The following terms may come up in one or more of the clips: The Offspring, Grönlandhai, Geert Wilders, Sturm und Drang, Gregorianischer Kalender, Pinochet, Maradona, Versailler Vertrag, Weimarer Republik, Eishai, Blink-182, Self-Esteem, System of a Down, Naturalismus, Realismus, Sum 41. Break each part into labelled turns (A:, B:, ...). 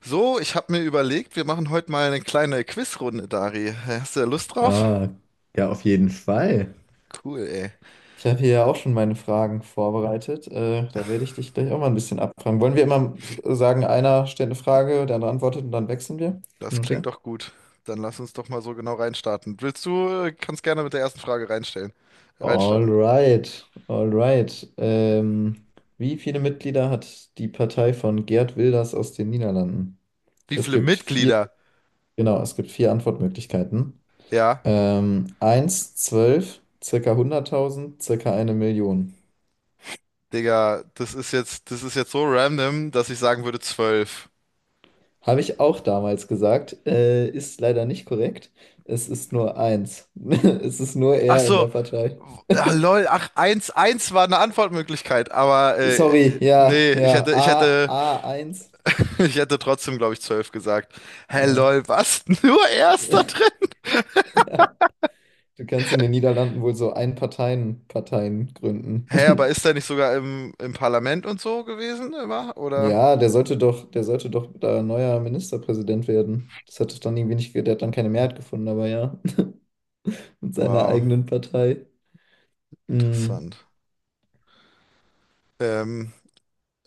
A: So, ich habe mir überlegt, wir machen heute mal eine kleine Quizrunde, Dari. Hast du da Lust drauf?
B: Ah, ja, auf jeden Fall.
A: Cool, ey.
B: Ich habe hier ja auch schon meine Fragen vorbereitet. Da werde ich dich gleich auch mal ein bisschen abfragen. Wollen wir immer sagen, einer stellt eine Frage, der andere antwortet und dann wechseln wir? Hin
A: Das
B: und
A: klingt
B: her.
A: doch gut. Dann lass uns doch mal so genau reinstarten. Willst du, kannst gerne mit der ersten Frage reinstellen, reinstarten.
B: Alright, alright. Wie viele Mitglieder hat die Partei von Geert Wilders aus den Niederlanden?
A: Wie
B: Es
A: viele
B: gibt vier,
A: Mitglieder?
B: genau, es gibt vier Antwortmöglichkeiten.
A: Ja,
B: 1, 12, circa 100.000, circa eine Million.
A: Digga, das ist jetzt so random, dass ich sagen würde zwölf.
B: Habe ich auch damals gesagt, ist leider nicht korrekt. Es ist nur eins. Es ist nur
A: Ach
B: er in
A: so,
B: der Partei.
A: ah, lol, ach, eins, eins war eine Antwortmöglichkeit, aber
B: Sorry, ja,
A: nee, ich
B: ja,
A: hätte, ich
B: A,
A: hätte
B: A1.
A: Ich hätte trotzdem, glaube ich, 12 gesagt. Hä,
B: Ja.
A: lol, was? Nur Erster drin?
B: Ja. Du kannst in den Niederlanden wohl so Ein-Parteien-Parteien gründen.
A: Hä, aber ist er nicht sogar im Parlament und so gewesen immer? Oder?
B: Ja, der sollte doch da neuer Ministerpräsident werden. Das hat doch dann irgendwie nicht, der hat dann keine Mehrheit gefunden, aber ja, mit seiner
A: Wow,
B: eigenen Partei. Mm.
A: interessant. Ähm,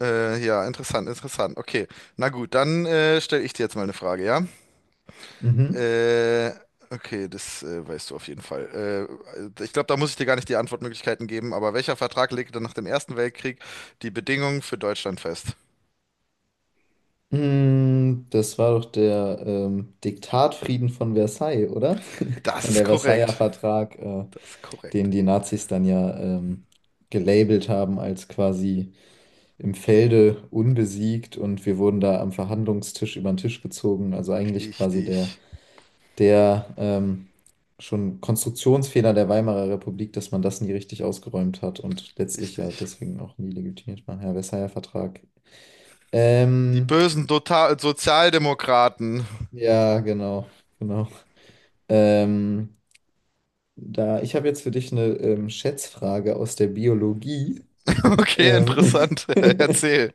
A: ja, interessant, interessant. Okay, na gut, dann stelle ich dir jetzt mal eine Frage, ja?
B: Mhm.
A: Äh, okay, das weißt du auf jeden Fall. Ich glaube, da muss ich dir gar nicht die Antwortmöglichkeiten geben, aber welcher Vertrag legte nach dem Ersten Weltkrieg die Bedingungen für Deutschland fest?
B: Das war doch der Diktatfrieden von Versailles, oder?
A: Das
B: Nein,
A: ist
B: der Versailler
A: korrekt.
B: Vertrag,
A: Das ist korrekt.
B: den die Nazis dann ja gelabelt haben als quasi im Felde unbesiegt und wir wurden da am Verhandlungstisch über den Tisch gezogen. Also eigentlich quasi der,
A: Richtig.
B: der schon Konstruktionsfehler der Weimarer Republik, dass man das nie richtig ausgeräumt hat und letztlich ja
A: Richtig.
B: deswegen auch nie legitimiert war. Ja, Versailler Vertrag.
A: Die
B: Ähm,
A: bösen Total Sozialdemokraten.
B: ja, genau, genau. Ähm, Da, ich habe jetzt für dich eine Schätzfrage aus der Biologie.
A: Okay,
B: Ähm,
A: interessant. Erzähl.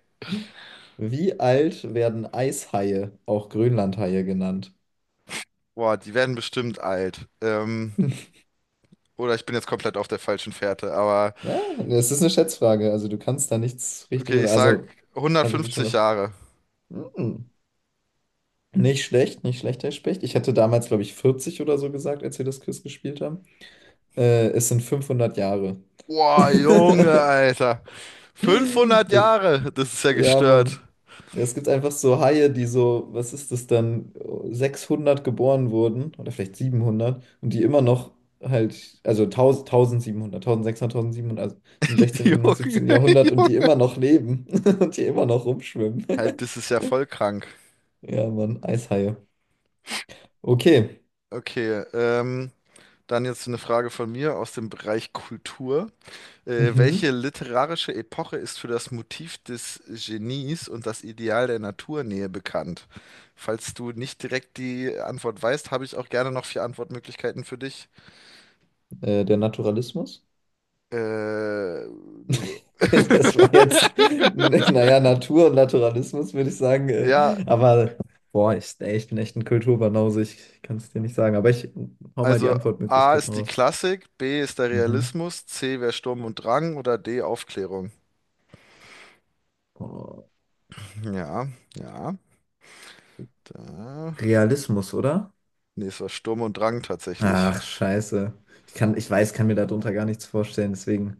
B: Wie alt werden Eishaie, auch Grönlandhaie genannt?
A: Boah, die werden bestimmt alt. Oder ich bin jetzt komplett auf der falschen Fährte. Aber
B: Ja, das ist eine Schätzfrage. Also du kannst da nichts richtig
A: okay, ich
B: oder
A: sag
B: also kannst natürlich schon
A: 150
B: noch.
A: Jahre.
B: Mm, Nicht schlecht, nicht schlecht, Herr Specht. Ich hatte damals, glaube ich, 40 oder so gesagt, als wir das Quiz gespielt haben. Es sind 500 Jahre.
A: Boah, Junge, Alter. 500
B: Das,
A: Jahre. Das ist ja
B: Ja,
A: gestört.
B: Mann. Ja, es gibt einfach so Haie, die so, was ist das dann, 600 geboren wurden oder vielleicht 700 und die immer noch halt, also 1000, 1700, 1600, 1700, also im 16.,
A: Junge,
B: 17. Jahrhundert und die
A: Junge.
B: immer noch leben und die immer noch rumschwimmen.
A: Halt, das ist ja voll krank.
B: Ja, Mann, Eishaie. Okay.
A: Okay, dann jetzt eine Frage von mir aus dem Bereich Kultur. Welche
B: Mhm.
A: literarische Epoche ist für das Motiv des Genies und das Ideal der Naturnähe bekannt? Falls du nicht direkt die Antwort weißt, habe ich auch gerne noch vier Antwortmöglichkeiten für dich.
B: Der Naturalismus.
A: Äh, nee.
B: Das war jetzt, naja, Natur und Naturalismus, würde ich sagen.
A: Ja,
B: Aber, boah, ich, ey, ich bin echt ein Kulturbanause, ich kann es dir nicht sagen. Aber ich hau mal die
A: also A
B: Antwortmöglichkeiten
A: ist die
B: raus.
A: Klassik, B ist der
B: Mhm.
A: Realismus, C wäre Sturm und Drang oder D Aufklärung.
B: Boah,
A: Ja, ja, da.
B: Realismus, oder?
A: Nee, es war Sturm und Drang tatsächlich.
B: Ach, scheiße. Ich kann, ich weiß, kann mir darunter gar nichts vorstellen, deswegen.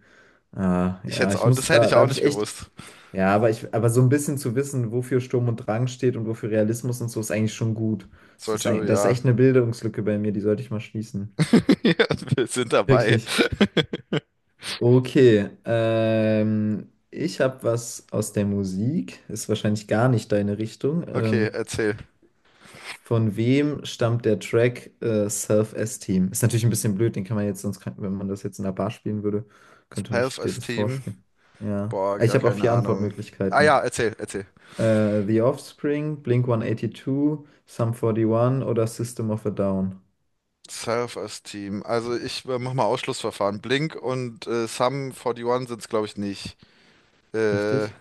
B: Ah,
A: Ich
B: ja,
A: hätte
B: ich
A: auch, das
B: muss,
A: hätte
B: da,
A: ich
B: da
A: auch
B: habe ich
A: nicht
B: echt.
A: gewusst.
B: Ja, aber so ein bisschen zu wissen, wofür Sturm und Drang steht und wofür Realismus und so, ist eigentlich schon gut. Das ist,
A: Sollte,
B: ein, das ist
A: ja.
B: echt eine Bildungslücke bei mir, die sollte ich mal schließen.
A: Ja, wir sind dabei.
B: Wirklich. Okay, ich habe was aus der Musik, ist wahrscheinlich gar nicht deine Richtung.
A: Okay, erzähl.
B: Von wem stammt der Track Self-Esteem? Ist natürlich ein bisschen blöd, den kann man jetzt sonst, wenn man das jetzt in einer Bar spielen würde, könnte ich dir das
A: Self-Esteem.
B: vorspielen. Ja,
A: Boah,
B: Ich
A: gar
B: habe auch
A: keine
B: vier
A: Ahnung. Ah ja,
B: Antwortmöglichkeiten.
A: erzähl, erzähl.
B: The Offspring, Blink-182, Sum 41 oder System of a Down.
A: Self-Esteem. Also ich mach mal Ausschlussverfahren. Blink und Sum 41 sind's, glaube ich, nicht. Äh,
B: Richtig?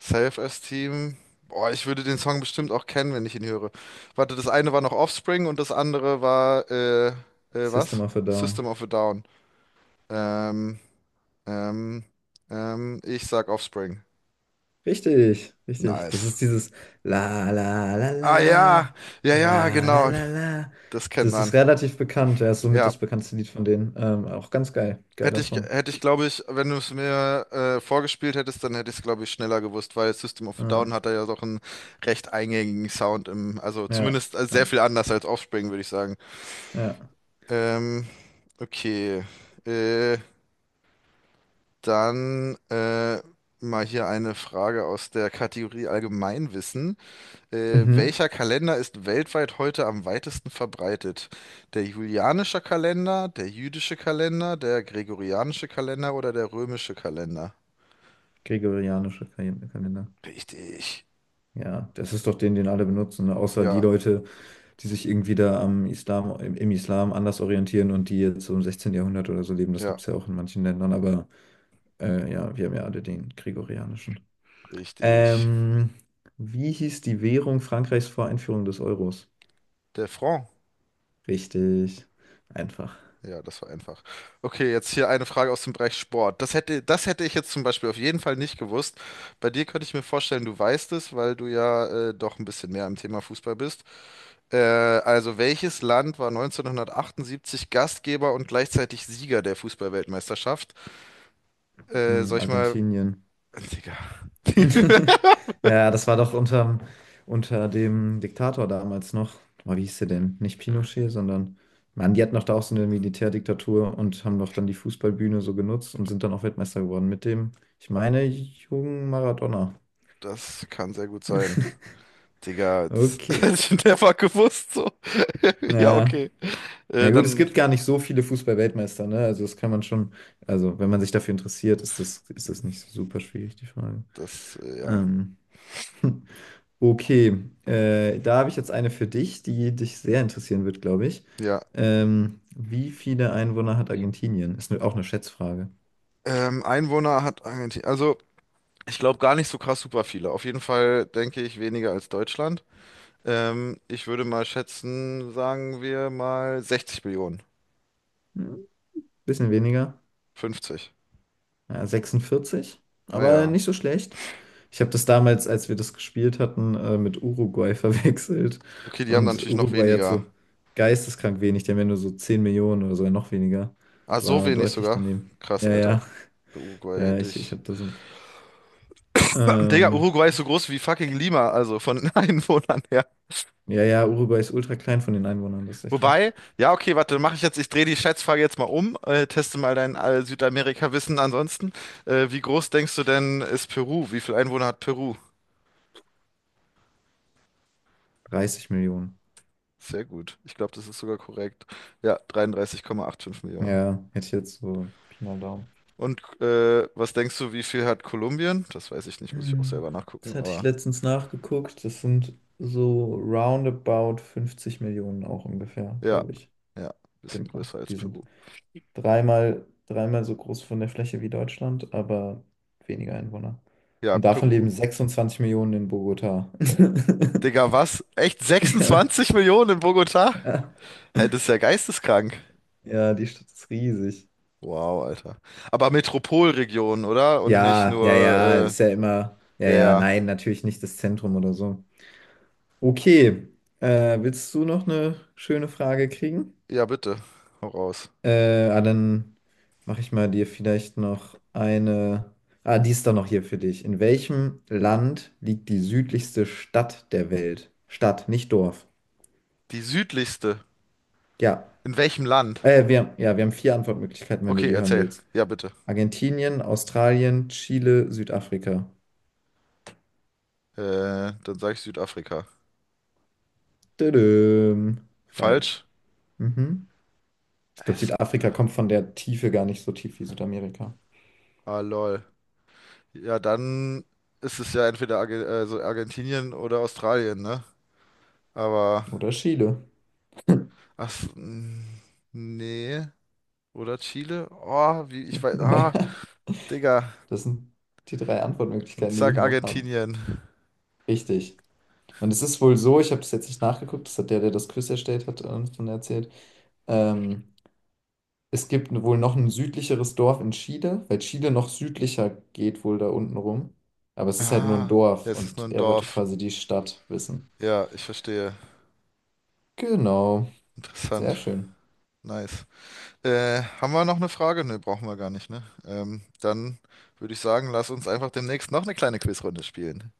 A: Self-Esteem. Boah, ich würde den Song bestimmt auch kennen, wenn ich ihn höre. Warte, das eine war noch Offspring und das andere war,
B: System
A: was?
B: of a Down.
A: System of a Down. Ähm, ähm, ich sag Offspring.
B: Richtig, richtig. Das
A: Nice.
B: ist dieses La la la la
A: Ah
B: la
A: ja, ja, ja,
B: la la
A: genau.
B: la la.
A: Das kennt
B: Das ist
A: man.
B: relativ bekannt. Ja, ist somit
A: Ja,
B: das bekannteste Lied von denen. Auch ganz geil.
A: hätte
B: Geiler
A: ich,
B: Song.
A: hätte ich, glaube ich, wenn du es mir vorgespielt hättest, dann hätte ich es, glaube ich, schneller gewusst, weil System of a
B: Ja,
A: Down hat da ja doch einen recht eingängigen Sound im, also
B: ja,
A: zumindest sehr
B: ja.
A: viel anders als Offspring, würde ich sagen.
B: Ja.
A: Ähm, okay. Äh, dann mal hier eine Frage aus der Kategorie Allgemeinwissen.
B: Mhm.
A: Welcher Kalender ist weltweit heute am weitesten verbreitet? Der julianische Kalender, der jüdische Kalender, der gregorianische Kalender oder der römische Kalender?
B: Gregorianischer Kalender.
A: Richtig.
B: Ja, das ist doch den, den alle benutzen, ne? Außer die
A: Ja,
B: Leute, die sich irgendwie da am Islam, im Islam anders orientieren und die jetzt so im 16. Jahrhundert oder so leben. Das gibt
A: ja,
B: es ja auch in manchen Ländern, aber ja, wir haben ja alle den Gregorianischen.
A: richtig.
B: Ähm, Wie hieß die Währung Frankreichs vor Einführung des Euros?
A: Der Franc.
B: Richtig. Einfach.
A: Ja, das war einfach. Okay, jetzt hier eine Frage aus dem Bereich Sport. Das hätte ich jetzt zum Beispiel auf jeden Fall nicht gewusst. Bei dir könnte ich mir vorstellen, du weißt es, weil du ja doch ein bisschen mehr im Thema Fußball bist. Also welches Land war 1978 Gastgeber und gleichzeitig Sieger der Fußballweltmeisterschaft? Soll ich mal...
B: Argentinien.
A: Digga.
B: Ja, das war doch unter dem Diktator damals noch. Boah, wie hieß der denn? Nicht Pinochet, sondern. Mann, die hatten doch da auch so eine Militärdiktatur und haben doch dann die Fußballbühne so genutzt und sind dann auch Weltmeister geworden mit dem, ich meine, jungen Maradona.
A: Das kann sehr gut sein. Digga, das hätte
B: Okay.
A: ich never gewusst so. Ja,
B: Ja.
A: okay.
B: Ja gut, es
A: Dann
B: gibt gar nicht so viele Fußball-Weltmeister, ne? Also das kann man schon, also wenn man sich dafür interessiert, ist das nicht so super schwierig, die Frage.
A: das, ja.
B: Ähm, okay, da habe ich jetzt eine für dich, die dich sehr interessieren wird, glaube ich.
A: Ja.
B: Wie viele Einwohner hat Argentinien? Ist auch eine Schätzfrage.
A: Einwohner hat Argentinien. Also, ich glaube gar nicht so krass super viele. Auf jeden Fall denke ich weniger als Deutschland. Ich würde mal schätzen, sagen wir mal 60 Millionen.
B: Hm, Bisschen weniger.
A: 50.
B: Ja, 46,
A: Ah
B: aber
A: ja.
B: nicht so schlecht. Ich habe das damals, als wir das gespielt hatten, mit Uruguay verwechselt.
A: Okay, die haben dann
B: Und
A: natürlich noch
B: Uruguay hat
A: weniger.
B: so geisteskrank wenig, die haben ja nur so 10 Millionen oder sogar noch weniger.
A: Ah, so
B: War
A: wenig
B: deutlich
A: sogar.
B: daneben.
A: Krass,
B: Ja,
A: Alter.
B: ja,
A: Bei Uruguay
B: ja,
A: hätte
B: ich
A: ich.
B: habe das.
A: Digga,
B: Ähm,
A: Uruguay ist so groß wie fucking Lima, also von den Einwohnern her.
B: ja, ja, Uruguay ist ultra klein von den Einwohnern, das ist echt krass.
A: Wobei, ja, okay, warte, mache ich jetzt, ich drehe die Schätzfrage jetzt mal um, teste mal dein Südamerika-Wissen ansonsten. Wie groß denkst du denn ist Peru? Wie viele Einwohner hat Peru?
B: 30 Millionen.
A: Sehr gut. Ich glaube, das ist sogar korrekt. Ja, 33,85 Millionen.
B: Ja, hätte ich jetzt so Pi mal Daumen.
A: Und was denkst du, wie viel hat Kolumbien? Das weiß ich nicht, muss ich auch
B: Hm,
A: selber nachgucken,
B: Das hatte ich
A: aber.
B: letztens nachgeguckt. Das sind so roundabout 50 Millionen auch ungefähr,
A: Ja,
B: glaube ich.
A: ja, bisschen
B: Genau.
A: größer als
B: Die sind
A: Peru.
B: dreimal, dreimal so groß von der Fläche wie Deutschland, aber weniger Einwohner.
A: Ja,
B: Und davon
A: Peru.
B: leben 26 Millionen in Bogotá.
A: Digga, was? Echt
B: Ja,
A: 26 Millionen in Bogotá?
B: ja.
A: Hä, das ist ja geisteskrank.
B: Ja, die Stadt ist riesig.
A: Wow, Alter. Aber Metropolregion, oder? Und nicht
B: Ja, ja, ja,
A: nur,
B: ist ja immer. Ja,
A: ja,
B: ja,
A: ja.
B: nein, natürlich nicht das Zentrum oder so. Okay. Willst du noch eine schöne Frage kriegen?
A: Ja, bitte. Hau raus.
B: Dann mache ich mal dir vielleicht noch eine. Ah, die ist doch noch hier für dich. In welchem Land liegt die südlichste Stadt der Welt? Stadt, nicht Dorf.
A: Die südlichste.
B: Ja.
A: In welchem Land?
B: Wir, ja, wir haben vier Antwortmöglichkeiten, wenn du
A: Okay,
B: die hören
A: erzähl.
B: willst.
A: Ja, bitte.
B: Argentinien, Australien, Chile, Südafrika.
A: Dann sage ich Südafrika.
B: Tadam.
A: Falsch?
B: Falsch. Mhm. Ich glaube,
A: Es,
B: Südafrika kommt von der Tiefe gar nicht so tief wie Südamerika.
A: ah, lol. Ja, dann ist es ja entweder Arge also Argentinien oder Australien, ne? Aber
B: Oder Chile.
A: ach, so, mm, nee. Oder Chile? Oh, wie, ich weiß. Ah,
B: Naja,
A: Digga.
B: das sind die drei
A: Ich
B: Antwortmöglichkeiten, die wir
A: sag
B: hier noch haben.
A: Argentinien.
B: Richtig. Und es ist wohl so, ich habe das jetzt nicht nachgeguckt, das hat der, der das Quiz erstellt hat, uns dann erzählt. Ähm, Es gibt wohl noch ein südlicheres Dorf in Chile, weil Chile noch südlicher geht wohl da unten rum. Aber es ist halt nur ein
A: Ah, ja,
B: Dorf
A: es ist
B: und
A: nur ein
B: er wollte
A: Dorf.
B: quasi die Stadt wissen.
A: Ja, ich verstehe.
B: Genau,
A: Interessant.
B: sehr schön.
A: Nice. Haben wir noch eine Frage? Ne, brauchen wir gar nicht, ne? Dann würde ich sagen, lass uns einfach demnächst noch eine kleine Quizrunde spielen.